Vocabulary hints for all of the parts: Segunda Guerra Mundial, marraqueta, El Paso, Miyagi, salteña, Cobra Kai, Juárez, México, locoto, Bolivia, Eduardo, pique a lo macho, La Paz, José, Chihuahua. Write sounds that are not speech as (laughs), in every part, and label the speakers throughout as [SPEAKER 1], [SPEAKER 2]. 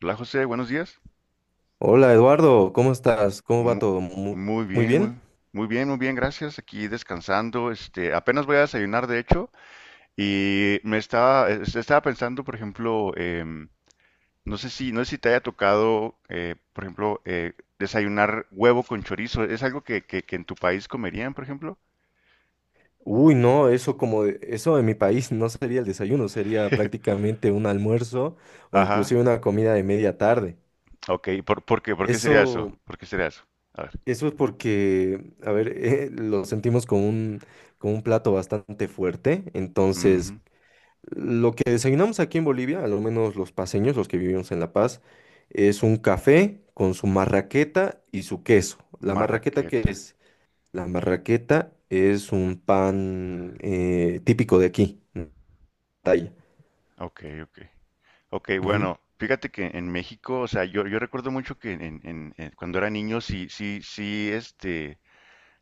[SPEAKER 1] Hola José, buenos días.
[SPEAKER 2] Hola Eduardo, ¿cómo estás? ¿Cómo va
[SPEAKER 1] Mu-
[SPEAKER 2] todo? Mu-
[SPEAKER 1] Muy
[SPEAKER 2] ¿Muy,
[SPEAKER 1] bien,
[SPEAKER 2] bien?
[SPEAKER 1] muy bien, muy bien, gracias. Aquí descansando, este, apenas voy a desayunar de hecho y me estaba, estaba pensando, por ejemplo, no sé si, te haya tocado, por ejemplo, desayunar huevo con chorizo. ¿Es algo que en tu país comerían, por ejemplo?
[SPEAKER 2] Uy, no, eso eso en mi país no sería el desayuno, sería
[SPEAKER 1] (laughs)
[SPEAKER 2] prácticamente un almuerzo o inclusive
[SPEAKER 1] Ajá.
[SPEAKER 2] una comida de media tarde.
[SPEAKER 1] Ok, ¿por qué sería eso?
[SPEAKER 2] Eso,
[SPEAKER 1] ¿Por qué sería eso? A ver.
[SPEAKER 2] eso es porque, a ver, lo sentimos como un plato bastante fuerte. Entonces,
[SPEAKER 1] Ujú.
[SPEAKER 2] lo que desayunamos aquí en Bolivia, al menos los paseños, los que vivimos en La Paz, es un café con su marraqueta y su queso.
[SPEAKER 1] Marraqueta.
[SPEAKER 2] La marraqueta es un pan típico de aquí, en Talla.
[SPEAKER 1] Ok, ok. Ok,
[SPEAKER 2] Ujú.
[SPEAKER 1] bueno, fíjate que en México, o sea, yo recuerdo mucho que cuando era niño sí, sí, sí, este,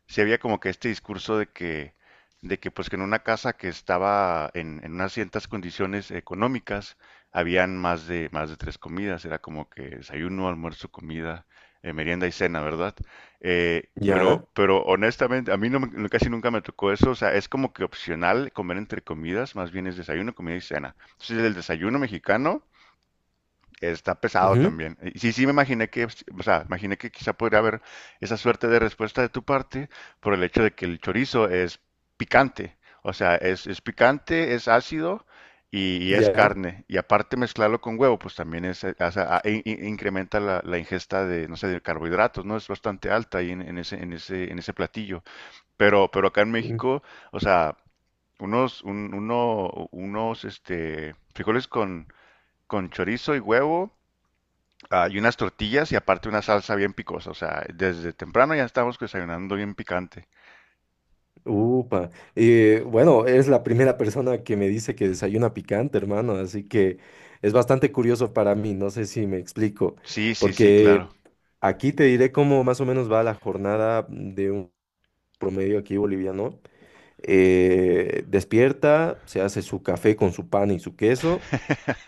[SPEAKER 1] sí había como que este discurso de que pues que en una casa que estaba en unas ciertas condiciones económicas, habían más de tres comidas, era como que desayuno, almuerzo, comida, merienda y cena, ¿verdad?
[SPEAKER 2] Ya,
[SPEAKER 1] Pero, honestamente, a mí no, casi nunca me tocó eso, o sea, es como que opcional comer entre comidas, más bien es desayuno, comida y cena. Entonces el desayuno mexicano está pesado
[SPEAKER 2] ujú,
[SPEAKER 1] también. Y sí, sí, me imaginé que, o sea, imaginé que quizá podría haber esa suerte de respuesta de tu parte por el hecho de que el chorizo es picante. O sea, es picante, es ácido y es
[SPEAKER 2] ya.
[SPEAKER 1] carne. Y aparte mezclarlo con huevo, pues también es, hace- a- in- in- incrementa la ingesta de, no sé, de carbohidratos, ¿no? Es bastante alta ahí en ese platillo. Pero acá en
[SPEAKER 2] Sí.
[SPEAKER 1] México, o sea, unos este, frijoles con chorizo y huevo, ah, y unas tortillas y aparte una salsa bien picosa. O sea, desde temprano ya estamos desayunando bien picante.
[SPEAKER 2] Upa. Bueno, es la primera persona que me dice que desayuna picante, hermano, así que es bastante curioso para mí, no sé si me explico,
[SPEAKER 1] Sí, sí, sí,
[SPEAKER 2] porque
[SPEAKER 1] claro.
[SPEAKER 2] aquí te diré cómo más o menos va la jornada de un promedio aquí boliviano. Despierta, se hace su café con su pan y su queso,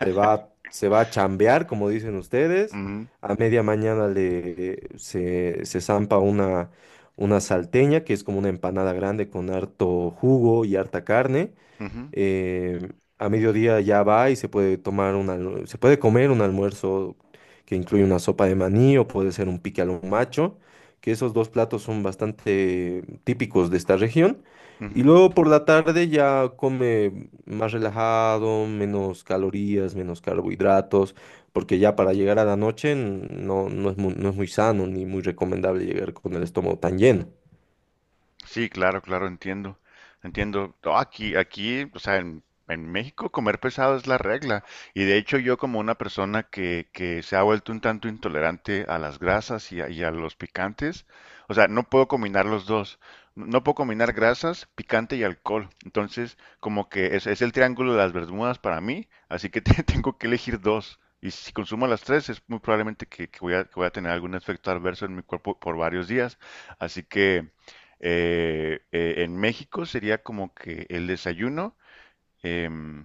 [SPEAKER 2] se va a chambear, como dicen ustedes.
[SPEAKER 1] Ujú,
[SPEAKER 2] A media mañana se zampa una salteña, que es como una empanada grande con harto jugo y harta carne,
[SPEAKER 1] ujú,
[SPEAKER 2] eh, a mediodía ya va y se puede comer un almuerzo que incluye una sopa de maní o puede ser un pique al macho, que esos dos platos son bastante típicos de esta región.
[SPEAKER 1] ujú.
[SPEAKER 2] Y luego por la tarde ya come más relajado, menos calorías, menos carbohidratos, porque ya para llegar a la noche no es muy, no es muy sano ni muy recomendable llegar con el estómago tan lleno.
[SPEAKER 1] Sí, claro, claro, entiendo. Entiendo. No, aquí, o sea, en México comer pesado es la regla. Y de hecho yo como una persona que se ha vuelto un tanto intolerante a las grasas y a los picantes, o sea, no puedo combinar los dos. No puedo combinar grasas, picante y alcohol. Entonces, como que es el triángulo de las Bermudas para mí, así que (laughs) tengo que elegir dos. Y si consumo las tres, es muy probablemente que, que voy a tener algún efecto adverso en mi cuerpo por varios días. Así que. En México sería como que el desayuno, em,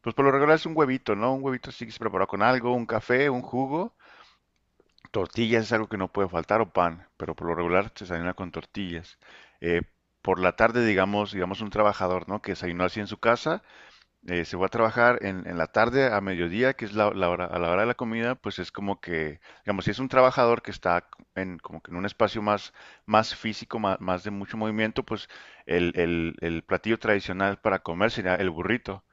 [SPEAKER 1] pues por lo regular es un huevito, ¿no? Un huevito así que se prepara con algo, un café, un jugo. Tortillas es algo que no puede faltar o pan, pero por lo regular se desayuna con tortillas. Eh, por la tarde, digamos un trabajador, ¿no? Que desayunó así en su casa, se va a trabajar en la tarde a mediodía, que es a la hora de la comida, pues es como que, digamos, si es un trabajador que está como que en un espacio más, más físico, más de mucho movimiento, pues el platillo tradicional para comer sería el burrito,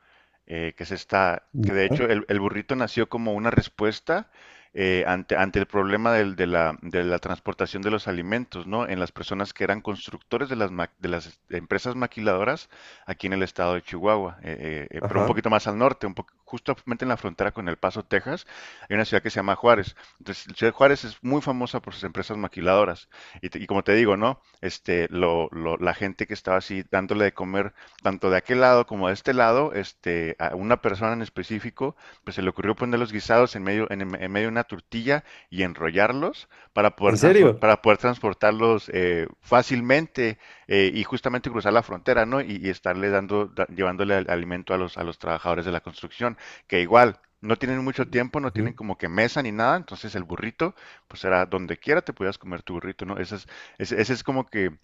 [SPEAKER 1] que de
[SPEAKER 2] Ya.
[SPEAKER 1] hecho el burrito nació como una respuesta, ante el problema de la transportación de los alimentos, ¿no? En las personas que eran constructores de las empresas maquiladoras aquí en el estado de Chihuahua, pero un
[SPEAKER 2] Ajá.
[SPEAKER 1] poquito más al norte, justamente en la frontera con El Paso, Texas, hay una ciudad que se llama Juárez. Entonces, la ciudad de Juárez es muy famosa por sus empresas maquiladoras. Y como te digo, ¿no? Este, la gente que estaba así dándole de comer tanto de aquel lado como de este lado, este, a una persona en específico, pues se le ocurrió poner los guisados en medio, en medio de una tortilla y enrollarlos para poder,
[SPEAKER 2] ¿En serio?
[SPEAKER 1] transportarlos fácilmente, y justamente cruzar la frontera, ¿no? Y estarle llevándole alimento a los, trabajadores de la construcción, que igual no tienen mucho tiempo, no tienen
[SPEAKER 2] Ujú.
[SPEAKER 1] como que mesa ni nada, entonces el burrito, pues era donde quiera te podías comer tu burrito, ¿no? Ese es como que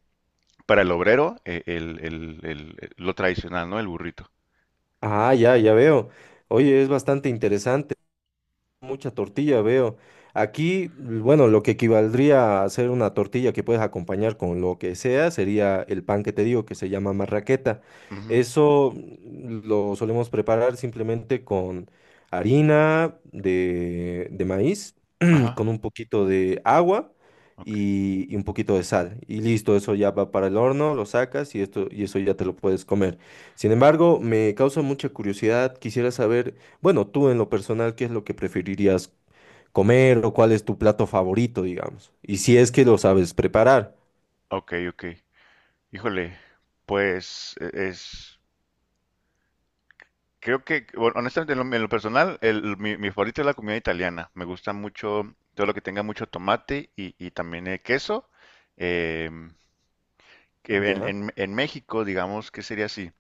[SPEAKER 1] para el obrero, lo tradicional, ¿no? El burrito.
[SPEAKER 2] Ah, ya, ya veo. Oye, es bastante interesante. Mucha tortilla, veo. Aquí, bueno, lo que equivaldría a hacer una tortilla que puedes acompañar con lo que sea sería el pan que te digo, que se llama marraqueta.
[SPEAKER 1] Ujú.
[SPEAKER 2] Eso lo solemos preparar simplemente con harina de maíz con
[SPEAKER 1] Ajá.
[SPEAKER 2] un poquito de agua
[SPEAKER 1] Ok.
[SPEAKER 2] y un poquito de sal. Y listo, eso ya va para el horno, lo sacas y esto, y eso ya te lo puedes comer. Sin embargo, me causa mucha curiosidad. Quisiera saber, bueno, tú en lo personal, ¿qué es lo que preferirías comer o cuál es tu plato favorito, digamos? Y si es que lo sabes preparar.
[SPEAKER 1] Ok, ok. Híjole, pues es. Creo que, bueno, honestamente, en lo personal, mi favorito es la comida italiana. Me gusta mucho todo lo que tenga mucho tomate y también queso. Em, que en,
[SPEAKER 2] Ya,
[SPEAKER 1] en- en México, digamos, ¿qué sería así?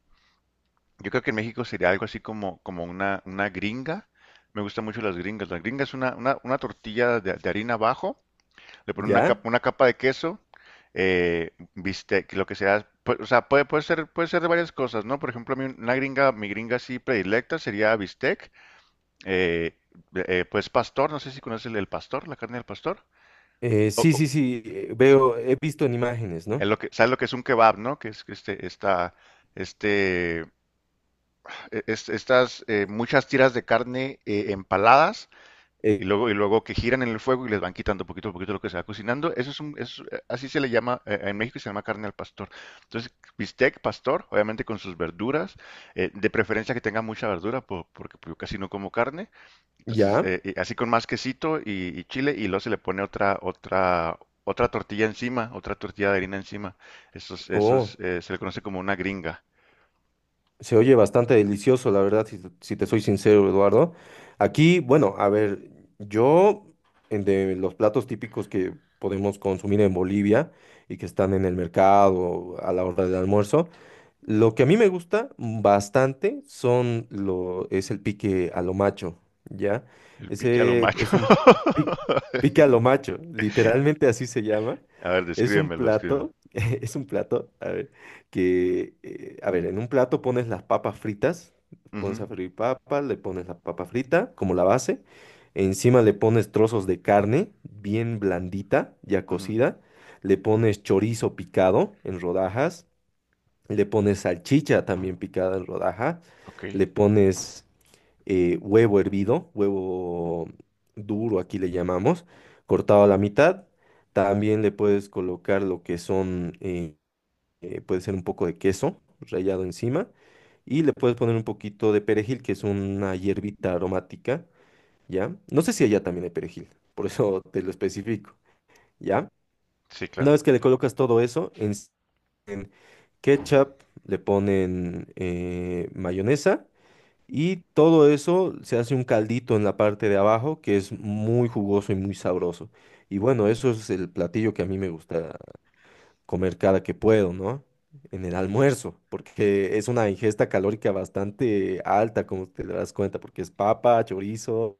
[SPEAKER 1] Yo creo que en México sería algo así como, una gringa. Me gustan mucho las gringas. La gringa es una tortilla de harina abajo, le ponen
[SPEAKER 2] ya.
[SPEAKER 1] una capa de queso, bistec, lo que sea. O sea, puede ser de varias cosas, ¿no? Por ejemplo, a mí una gringa, mi gringa así predilecta sería bistec, eh, pues pastor, no sé si conoces el pastor, la carne del pastor. O,
[SPEAKER 2] Sí,
[SPEAKER 1] o-
[SPEAKER 2] sí, sí, veo, he visto en imágenes,
[SPEAKER 1] es
[SPEAKER 2] ¿no?
[SPEAKER 1] lo que, ¿sabes lo que es un kebab, no? Que es que este, estas muchas tiras de carne empaladas.
[SPEAKER 2] Eh,
[SPEAKER 1] Y luego que giran en el fuego y les van quitando poquito a poquito lo que se va cocinando. Eso así se le llama, en México se llama carne al pastor. Entonces, bistec pastor, obviamente con sus verduras, de preferencia que tenga mucha verdura, porque pues, yo casi no como carne. Entonces,
[SPEAKER 2] ya.
[SPEAKER 1] y así con más quesito y chile, y luego se le pone otra tortilla encima, otra tortilla de harina encima. Eso, es- eso
[SPEAKER 2] Oh.
[SPEAKER 1] es, se le conoce como una gringa.
[SPEAKER 2] Se oye bastante delicioso, la verdad, si, si te soy sincero, Eduardo. Aquí, bueno, a ver, yo, en de los platos típicos que podemos consumir en Bolivia y que están en el mercado a la hora del almuerzo, lo que a mí me gusta bastante es el pique a lo macho, ¿ya?
[SPEAKER 1] El pique a lo
[SPEAKER 2] Ese
[SPEAKER 1] macho.
[SPEAKER 2] es un pi- pique a lo
[SPEAKER 1] (laughs)
[SPEAKER 2] macho, literalmente así se llama.
[SPEAKER 1] A ver,
[SPEAKER 2] Es un
[SPEAKER 1] descríbemelo, descríbemelo.
[SPEAKER 2] plato, (laughs) es un plato, a ver que, a ver, en un plato pones las papas fritas, pones
[SPEAKER 1] Ujú,
[SPEAKER 2] a freír papas, le pones la papa frita como la base, encima le pones trozos de carne bien blandita, ya
[SPEAKER 1] ujú,
[SPEAKER 2] cocida, le pones chorizo picado en rodajas, le pones salchicha también picada en rodajas,
[SPEAKER 1] ok.
[SPEAKER 2] le pones huevo hervido, huevo duro aquí le llamamos, cortado a la mitad. También le puedes colocar lo que son puede ser un poco de queso rallado encima y le puedes poner un poquito de perejil, que es una hierbita aromática, ¿ya? No sé si allá también hay perejil, por eso te lo especifico, ¿ya?
[SPEAKER 1] Sí,
[SPEAKER 2] Una
[SPEAKER 1] claro.
[SPEAKER 2] vez que le colocas todo eso, en s- ketchup le ponen mayonesa y todo eso se hace un caldito en la parte de abajo que es muy jugoso y muy sabroso. Y bueno, eso es el platillo que a mí me gusta comer cada que puedo, ¿no? En el almuerzo, porque es una ingesta calórica bastante alta, como te darás cuenta, porque es papa, chorizo,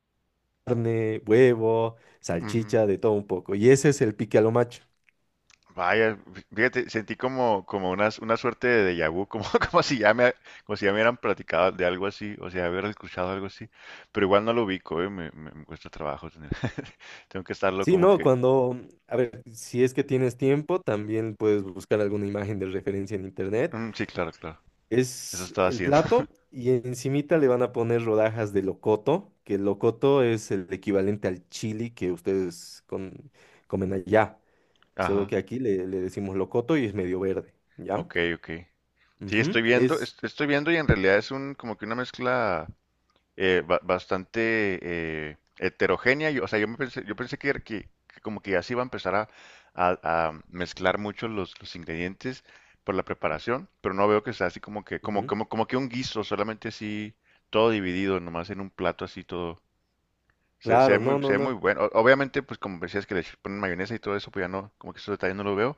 [SPEAKER 2] carne, huevo,
[SPEAKER 1] Ujú.
[SPEAKER 2] salchicha, de todo un poco. Y ese es el pique a lo macho.
[SPEAKER 1] Vaya, fíjate, sentí como, una suerte de déjà vu, como, (laughs) como si ya me, como si ya me hubieran platicado de algo así, o sea, haber escuchado algo así, pero igual no lo ubico, ¿eh? Me cuesta trabajo tener- (laughs) Tengo que estarlo
[SPEAKER 2] Sí,
[SPEAKER 1] como
[SPEAKER 2] no,
[SPEAKER 1] que,
[SPEAKER 2] cuando, a ver, si es que tienes tiempo, también puedes buscar alguna imagen de referencia en internet.
[SPEAKER 1] "Mm, sí, claro, claro, eso
[SPEAKER 2] Es
[SPEAKER 1] estaba
[SPEAKER 2] el
[SPEAKER 1] haciendo".
[SPEAKER 2] plato
[SPEAKER 1] (laughs)
[SPEAKER 2] y encimita le van a poner rodajas de locoto, que el locoto es el equivalente al chili que ustedes comen allá. Solo
[SPEAKER 1] Ajá,
[SPEAKER 2] que aquí le, le decimos locoto y es medio verde, ¿ya?
[SPEAKER 1] ok, ok. Sí,
[SPEAKER 2] Ujú,
[SPEAKER 1] estoy viendo,
[SPEAKER 2] es,
[SPEAKER 1] est- estoy viendo y en realidad como que una mezcla bastante heterogénea. Yo, o sea, yo me pensé, yo pensé que como que ya se iba a empezar a- a mezclar mucho los ingredientes por la preparación, pero no veo que sea así como que, como,
[SPEAKER 2] ujú.
[SPEAKER 1] como, como que un guiso, solamente así todo dividido, nomás en un plato así todo. Se, se ve
[SPEAKER 2] Claro, no,
[SPEAKER 1] muy, se
[SPEAKER 2] no,
[SPEAKER 1] ve muy
[SPEAKER 2] no.
[SPEAKER 1] bueno. Obviamente, pues como decías que le ponen mayonesa y todo eso, pues ya no, como que esos detalles no lo veo.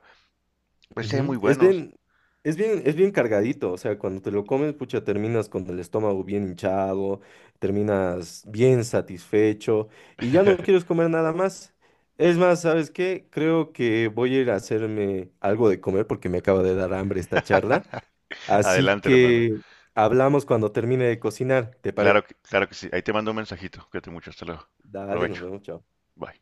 [SPEAKER 1] Pues se ven
[SPEAKER 2] Ujú,
[SPEAKER 1] muy buenos.
[SPEAKER 2] Es bien cargadito, o sea, cuando te lo comes, pucha, terminas con el estómago bien hinchado, terminas bien satisfecho y ya no quieres comer nada más. Es más, ¿sabes qué? Creo que voy a ir a hacerme algo de comer porque me acaba de dar hambre esta charla.
[SPEAKER 1] (laughs)
[SPEAKER 2] Así
[SPEAKER 1] Adelante, hermano.
[SPEAKER 2] que hablamos cuando termine de cocinar, ¿te parece?
[SPEAKER 1] Claro que sí. Ahí te mando un mensajito. Cuídate mucho. Hasta luego.
[SPEAKER 2] Dale, nos
[SPEAKER 1] Provecho.
[SPEAKER 2] vemos, chao.
[SPEAKER 1] Bye.